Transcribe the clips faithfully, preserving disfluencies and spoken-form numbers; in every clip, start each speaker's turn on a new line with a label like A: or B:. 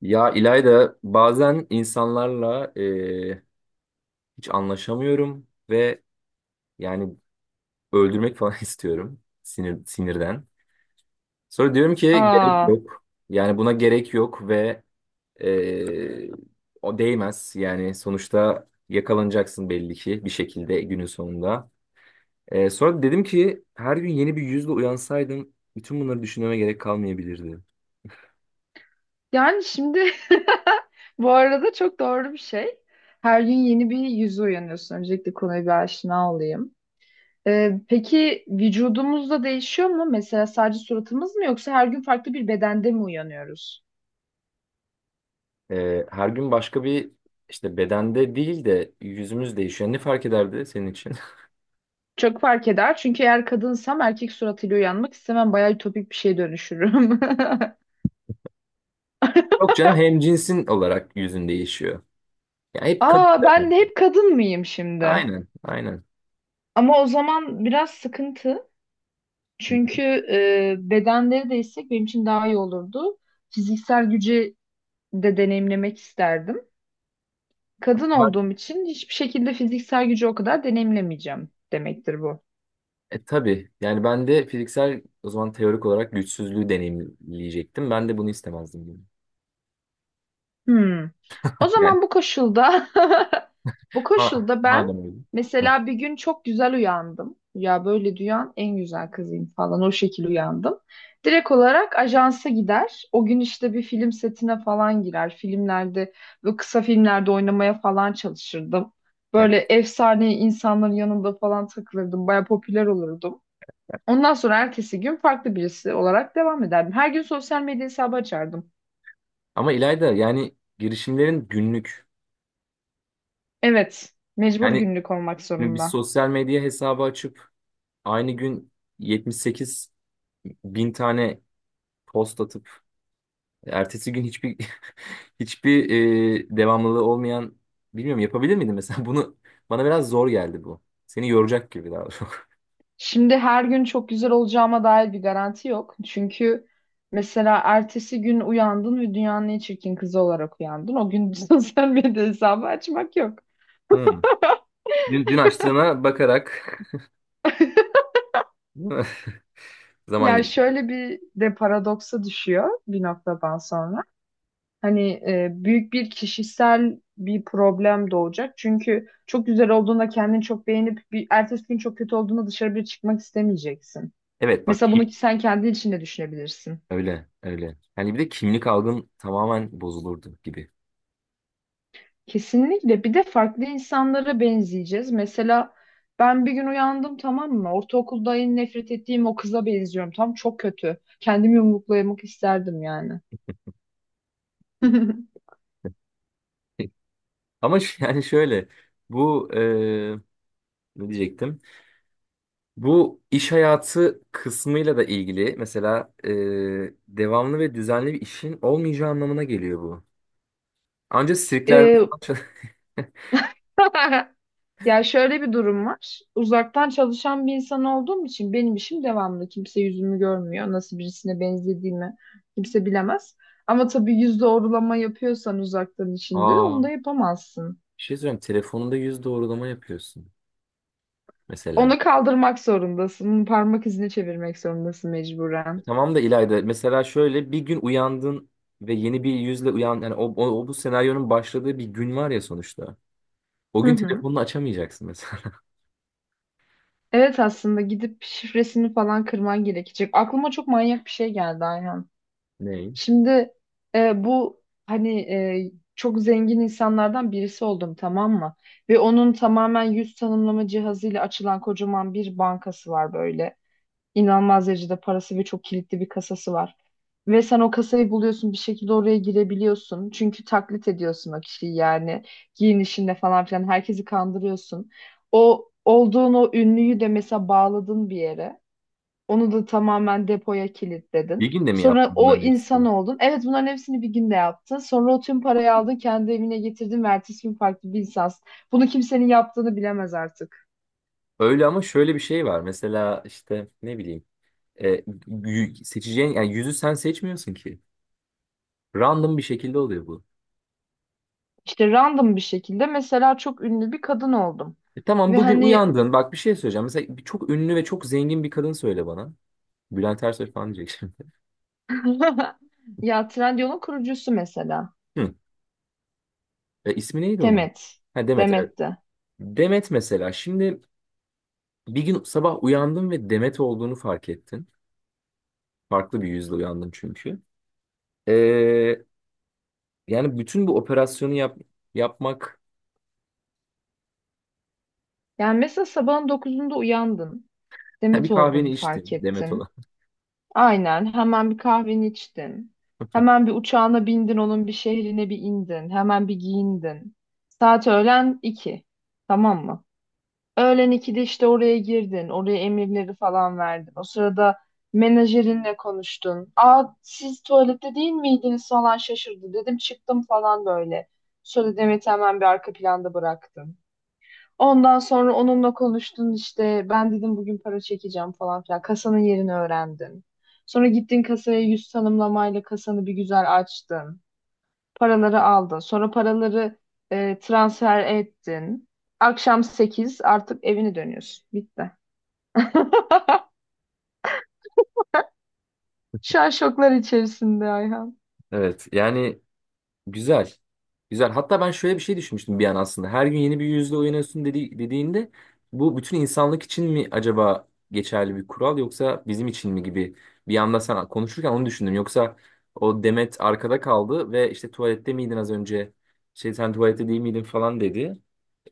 A: Ya İlayda bazen insanlarla e, hiç anlaşamıyorum ve yani öldürmek falan istiyorum sinir sinirden. Sonra diyorum ki gerek
B: Aa,
A: yok. Yani buna gerek yok ve e, o değmez. Yani sonuçta yakalanacaksın belli ki bir şekilde günün sonunda. E, sonra dedim ki her gün yeni bir yüzle uyansaydım bütün bunları düşünmeme gerek kalmayabilirdi.
B: yani şimdi bu arada çok doğru bir şey. Her gün yeni bir yüze uyanıyorsun. Öncelikle konuya bir aşina olayım. Ee, peki vücudumuzda değişiyor mu? Mesela sadece suratımız mı yoksa her gün farklı bir bedende mi uyanıyoruz?
A: Ee, her gün başka bir işte bedende değil de yüzümüz değişiyor. Ne fark ederdi senin için?
B: Çok fark eder. Çünkü eğer kadınsam erkek suratıyla uyanmak istemem. Bayağı ütopik bir şeye dönüşürüm.
A: Yok canım hem cinsin olarak yüzün değişiyor. Yani hep kadın,
B: Aa, ben
A: devam.
B: de hep kadın mıyım şimdi?
A: Aynen, aynen.
B: Ama o zaman biraz sıkıntı. Çünkü e, bedenleri değişsek benim için daha iyi olurdu. Fiziksel gücü de deneyimlemek isterdim. Kadın
A: Ben,
B: olduğum için hiçbir şekilde fiziksel gücü o kadar deneyimlemeyeceğim demektir bu.
A: e, tabii yani ben de fiziksel o zaman teorik olarak güçsüzlüğü deneyimleyecektim. Ben de bunu istemezdim gibi.
B: Hmm. O
A: Yani
B: zaman bu koşulda bu
A: ma
B: koşulda ben
A: madem öyle. Ha,
B: mesela bir gün çok güzel uyandım. Ya böyle duyan en güzel kızıyım falan o şekil uyandım. Direkt olarak ajansa gider. O gün işte bir film setine falan girer. Filmlerde ve kısa filmlerde oynamaya falan çalışırdım.
A: bak.
B: Böyle efsane insanların yanında falan takılırdım. Baya popüler olurdum. Ondan sonra ertesi gün farklı birisi olarak devam ederdim. Her gün sosyal medya hesabı açardım.
A: Ama İlayda yani girişimlerin günlük.
B: Evet, mecbur
A: Yani
B: günlük olmak
A: şimdi biz
B: zorunda.
A: sosyal medya hesabı açıp aynı gün yetmiş sekiz bin tane post atıp ertesi gün hiçbir hiçbir e, devamlılığı olmayan, bilmiyorum, yapabilir miydim mesela bunu, bana biraz zor geldi bu. Seni yoracak gibi daha çok.
B: Şimdi her gün çok güzel olacağıma dair bir garanti yok. Çünkü mesela ertesi gün uyandın ve dünyanın en çirkin kızı olarak uyandın. O gün sosyal medya hesabı açmak yok.
A: Hmm. Dün, dün açtığına bakarak zaman
B: Ya
A: geçti.
B: şöyle bir de paradoksa düşüyor bir noktadan sonra. Hani e, büyük bir kişisel bir problem doğacak. Çünkü çok güzel olduğunda kendini çok beğenip bir ertesi gün çok kötü olduğunda dışarı bir çıkmak istemeyeceksin.
A: Evet bak
B: Mesela bunu
A: kim,
B: ki sen kendi içinde düşünebilirsin.
A: öyle öyle. Yani bir de kimlik algın tamamen bozulurdu gibi.
B: Kesinlikle. Bir de farklı insanlara benzeyeceğiz. Mesela ben bir gün uyandım, tamam mı? Ortaokulda en nefret ettiğim o kıza benziyorum. Tam çok kötü. Kendimi yumruklayamak isterdim yani.
A: Ama ş- yani şöyle, bu e, ne diyecektim? Bu iş hayatı kısmıyla da ilgili mesela, e, devamlı ve düzenli bir işin olmayacağı anlamına geliyor bu. Ancak sirklerde
B: Ee,
A: falan çal-
B: ya şöyle bir durum var. Uzaktan çalışan bir insan olduğum için benim işim devamlı. Kimse yüzümü görmüyor. Nasıl birisine benzediğimi kimse bilemez. Ama tabii yüz doğrulama yapıyorsan uzaktan işinde de onu
A: Aa,
B: da yapamazsın.
A: bir şey söyleyeyim. Telefonunda yüz doğrulama yapıyorsun mesela.
B: Onu kaldırmak zorundasın. Onu parmak izine çevirmek zorundasın mecburen.
A: Tamam da İlayda mesela şöyle bir gün uyandın ve yeni bir yüzle uyan yani o, o, o bu senaryonun başladığı bir gün var ya sonuçta. O
B: Hı
A: gün
B: hı.
A: telefonunu açamayacaksın mesela.
B: Evet, aslında gidip şifresini falan kırman gerekecek. Aklıma çok manyak bir şey geldi Ayhan.
A: Ne?
B: Şimdi e, bu hani e, çok zengin insanlardan birisi oldum, tamam mı? Ve onun tamamen yüz tanımlama cihazıyla açılan kocaman bir bankası var böyle. İnanılmaz derecede parası ve çok kilitli bir kasası var. Ve sen o kasayı buluyorsun, bir şekilde oraya girebiliyorsun. Çünkü taklit ediyorsun o kişiyi yani. Giyinişinde falan filan herkesi kandırıyorsun. O olduğun o ünlüyü de mesela bağladın bir yere. Onu da tamamen depoya kilitledin.
A: Bir günde mi
B: Sonra
A: yaptın
B: o
A: bunların
B: insan
A: hepsini?
B: oldun. Evet, bunların hepsini bir günde yaptın. Sonra o tüm parayı aldın, kendi evine getirdin ve ertesi gün farklı bir insansın. Bunu kimsenin yaptığını bilemez artık.
A: Öyle ama şöyle bir şey var. Mesela işte ne bileyim, e, y- seçeceğin yani yüzü sen seçmiyorsun ki. Random bir şekilde oluyor bu.
B: İşte random bir şekilde mesela çok ünlü bir kadın oldum.
A: E, tamam
B: Ve
A: bugün
B: hani
A: uyandın. Bak bir şey söyleyeceğim. Mesela bir- çok ünlü ve çok zengin bir kadın söyle bana. Bülent Ersoy falan diyeceksin.
B: ya Trendyol'un kurucusu mesela
A: Hı. E, ismi neydi onun?
B: Demet.
A: Ha Demet, evet.
B: Demet'ti.
A: Demet mesela şimdi bir gün sabah uyandın ve Demet olduğunu fark ettin. Farklı bir yüzle uyandın çünkü. E, yani bütün bu operasyonu yap, yapmak
B: Yani mesela sabahın dokuzunda uyandın.
A: bir
B: Demet olduğunu
A: kahveni
B: fark
A: içtin Demet olan.
B: ettin. Aynen, hemen bir kahveni içtin. Hemen bir uçağına bindin, onun bir şehrine bir indin. Hemen bir giyindin. Saat öğlen iki. Tamam mı? Öğlen ikide işte oraya girdin. Oraya emirleri falan verdin. O sırada menajerinle konuştun. Aa, siz tuvalette değil miydiniz falan şaşırdı. Dedim çıktım falan böyle. Sonra Demet'i hemen bir arka planda bıraktım. Ondan sonra onunla konuştun işte. Ben dedim bugün para çekeceğim falan filan. Kasanın yerini öğrendin. Sonra gittin kasaya, yüz tanımlamayla kasanı bir güzel açtın. Paraları aldın. Sonra paraları e, transfer ettin. Akşam sekiz, artık evine dönüyorsun. Bitti. Şu an şoklar içerisinde Ayhan.
A: Evet yani, güzel. Güzel. Hatta ben şöyle bir şey düşünmüştüm bir an aslında. Her gün yeni bir yüzle oynuyorsun dedi, dediğinde bu bütün insanlık için mi acaba geçerli bir kural yoksa bizim için mi gibi, bir anda sen konuşurken onu düşündüm. Yoksa o Demet arkada kaldı ve işte tuvalette miydin az önce? Şey, sen tuvalette değil miydin falan dedi.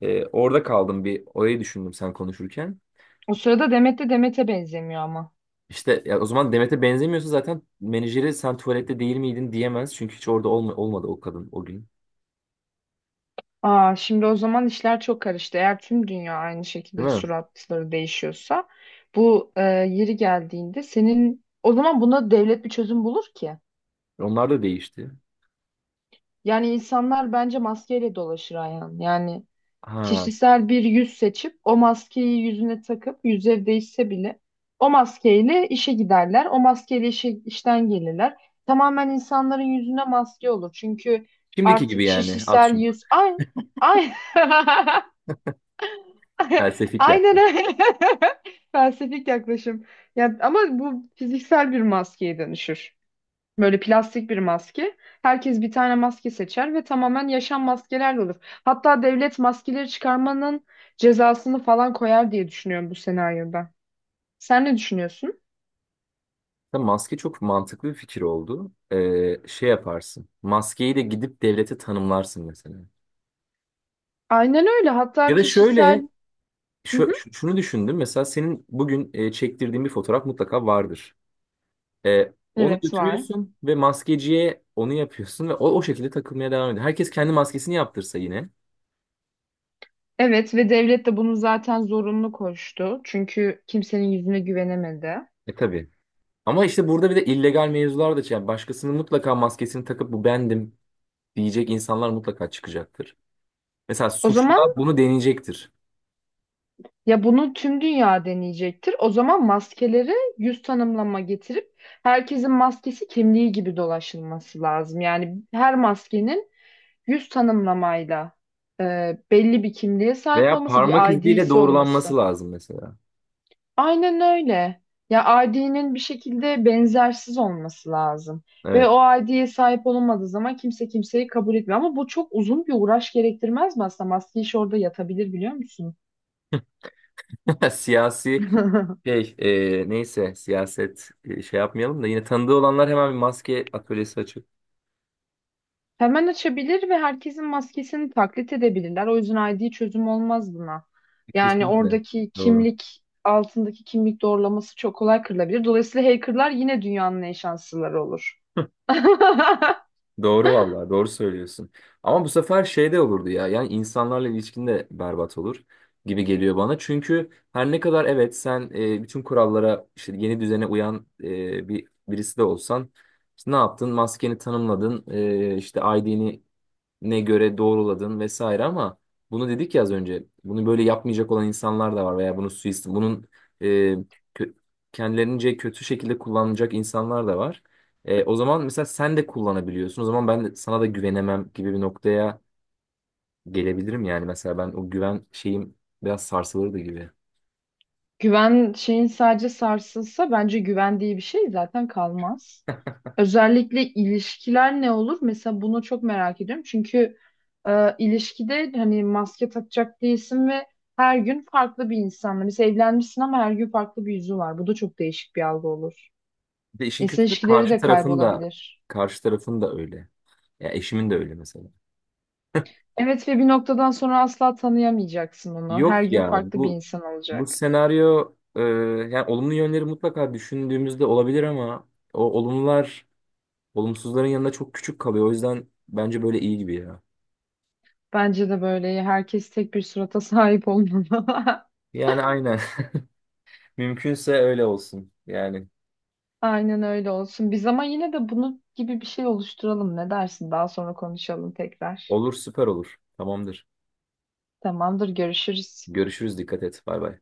A: Ee, orada kaldım, bir orayı düşündüm sen konuşurken.
B: O sırada Demet de Demet'e benzemiyor ama.
A: İşte ya o zaman Demet'e benzemiyorsa zaten menajeri sen tuvalette değil miydin diyemez. Çünkü hiç orada olma, olmadı o kadın o gün.
B: Aa, şimdi o zaman işler çok karıştı. Eğer tüm dünya aynı
A: Değil
B: şekilde
A: mi?
B: suratları değişiyorsa bu e, yeri geldiğinde senin o zaman buna devlet bir çözüm bulur ki.
A: Onlar da değişti.
B: Yani insanlar bence maskeyle dolaşır Ayhan. Yani
A: Ha,
B: kişisel bir yüz seçip o maskeyi yüzüne takıp yüzleri değişse bile o maskeyle işe giderler. O maskeyle işe, işten gelirler. Tamamen insanların yüzüne maske olur. Çünkü
A: şimdiki gibi
B: artık
A: yani az
B: kişisel
A: çok
B: yüz ay ay
A: felsefik
B: aynen
A: yaklaş.
B: öyle. Felsefik yaklaşım. Ya, ama bu fiziksel bir maskeye dönüşür. Böyle plastik bir maske. Herkes bir tane maske seçer ve tamamen yaşam maskelerle olur. Hatta devlet maskeleri çıkarmanın cezasını falan koyar diye düşünüyorum bu senaryoda. Sen ne düşünüyorsun?
A: Tabii maske çok mantıklı bir fikir oldu. Ee, şey yaparsın. Maskeyi de gidip devlete tanımlarsın mesela.
B: Aynen öyle.
A: Ya
B: Hatta
A: da
B: kişisel...
A: şöyle,
B: Hı
A: şu-
B: hı.
A: şu- şunu düşündüm. Mesela senin bugün e, çektirdiğin bir fotoğraf mutlaka vardır. Ee, Onu
B: Evet, var.
A: götürüyorsun ve maskeciye onu yapıyorsun ve o, o şekilde takılmaya devam ediyor. Herkes kendi maskesini yaptırsa yine.
B: Evet ve devlet de bunu zaten zorunlu koştu. Çünkü kimsenin yüzüne güvenemedi.
A: E tabii. Ama işte burada bir de illegal mevzular da, yani başkasının mutlaka maskesini takıp bu bendim diyecek insanlar mutlaka çıkacaktır. Mesela
B: O zaman
A: suçlular bunu deneyecektir.
B: ya bunu tüm dünya deneyecektir. O zaman maskeleri yüz tanımlama getirip herkesin maskesi kimliği gibi dolaşılması lazım. Yani her maskenin yüz tanımlamayla e, belli bir kimliğe sahip
A: Veya
B: olması,
A: parmak
B: bir
A: iziyle
B: I D'si olması.
A: doğrulanması lazım mesela.
B: Aynen öyle. Ya I D'nin bir şekilde benzersiz olması lazım. Ve
A: Evet.
B: o I D'ye sahip olunmadığı zaman kimse kimseyi kabul etmiyor. Ama bu çok uzun bir uğraş gerektirmez mi aslında? Maske işi orada yatabilir, biliyor musun?
A: Siyasi şey e, neyse, siyaset e, şey yapmayalım da yine tanıdığı olanlar hemen bir maske atölyesi açıp.
B: Hemen açabilir ve herkesin maskesini taklit edebilirler. O yüzden I D çözüm olmaz buna. Yani
A: Kesinlikle.
B: oradaki
A: Doğru.
B: kimlik altındaki kimlik doğrulaması çok kolay kırılabilir. Dolayısıyla hackerlar yine dünyanın en şanslıları olur.
A: Doğru vallahi, doğru söylüyorsun. Ama bu sefer şey de olurdu ya. Yani insanlarla ilişkin de berbat olur gibi geliyor bana. Çünkü her ne kadar evet sen e, bütün kurallara işte yeni düzene uyan e, bir birisi de olsan, işte ne yaptın? Maskeni tanımladın, e, işte I D'ni ne göre doğruladın vesaire, ama bunu dedik ya az önce. Bunu böyle yapmayacak olan insanlar da var veya bunu suist bunun e, kö- kendilerince kötü şekilde kullanacak insanlar da var. E, o zaman mesela sen de kullanabiliyorsun. O zaman ben de- sana da güvenemem gibi bir noktaya gelebilirim yani. Mesela ben o güven şeyim biraz sarsılırdı gibi.
B: Güven şeyin sadece sarsılsa bence güvendiği bir şey zaten kalmaz. Özellikle ilişkiler ne olur? Mesela bunu çok merak ediyorum. Çünkü e, ilişkide hani maske takacak değilsin ve her gün farklı bir insanla. Mesela evlenmişsin ama her gün farklı bir yüzü var. Bu da çok değişik bir algı olur.
A: Ve işin
B: İnsan
A: kötüsü
B: ilişkileri
A: karşı
B: de
A: tarafın da
B: kaybolabilir.
A: karşı tarafın da öyle. Ya eşimin de öyle mesela.
B: Evet ve bir noktadan sonra asla tanıyamayacaksın onu. Her
A: Yok
B: gün
A: ya,
B: farklı bir
A: bu
B: insan
A: bu
B: olacak.
A: senaryo, e, yani olumlu yönleri mutlaka düşündüğümüzde olabilir ama o olumlular olumsuzların yanında çok küçük kalıyor. O yüzden bence böyle iyi gibi ya.
B: Bence de böyle herkes tek bir surata sahip olmalı.
A: Yani aynen. Mümkünse öyle olsun. Yani
B: Aynen öyle olsun. Biz ama yine de bunun gibi bir şey oluşturalım. Ne dersin? Daha sonra konuşalım tekrar.
A: olur, süper olur. Tamamdır.
B: Tamamdır, görüşürüz.
A: Görüşürüz. Dikkat et. Bay bay.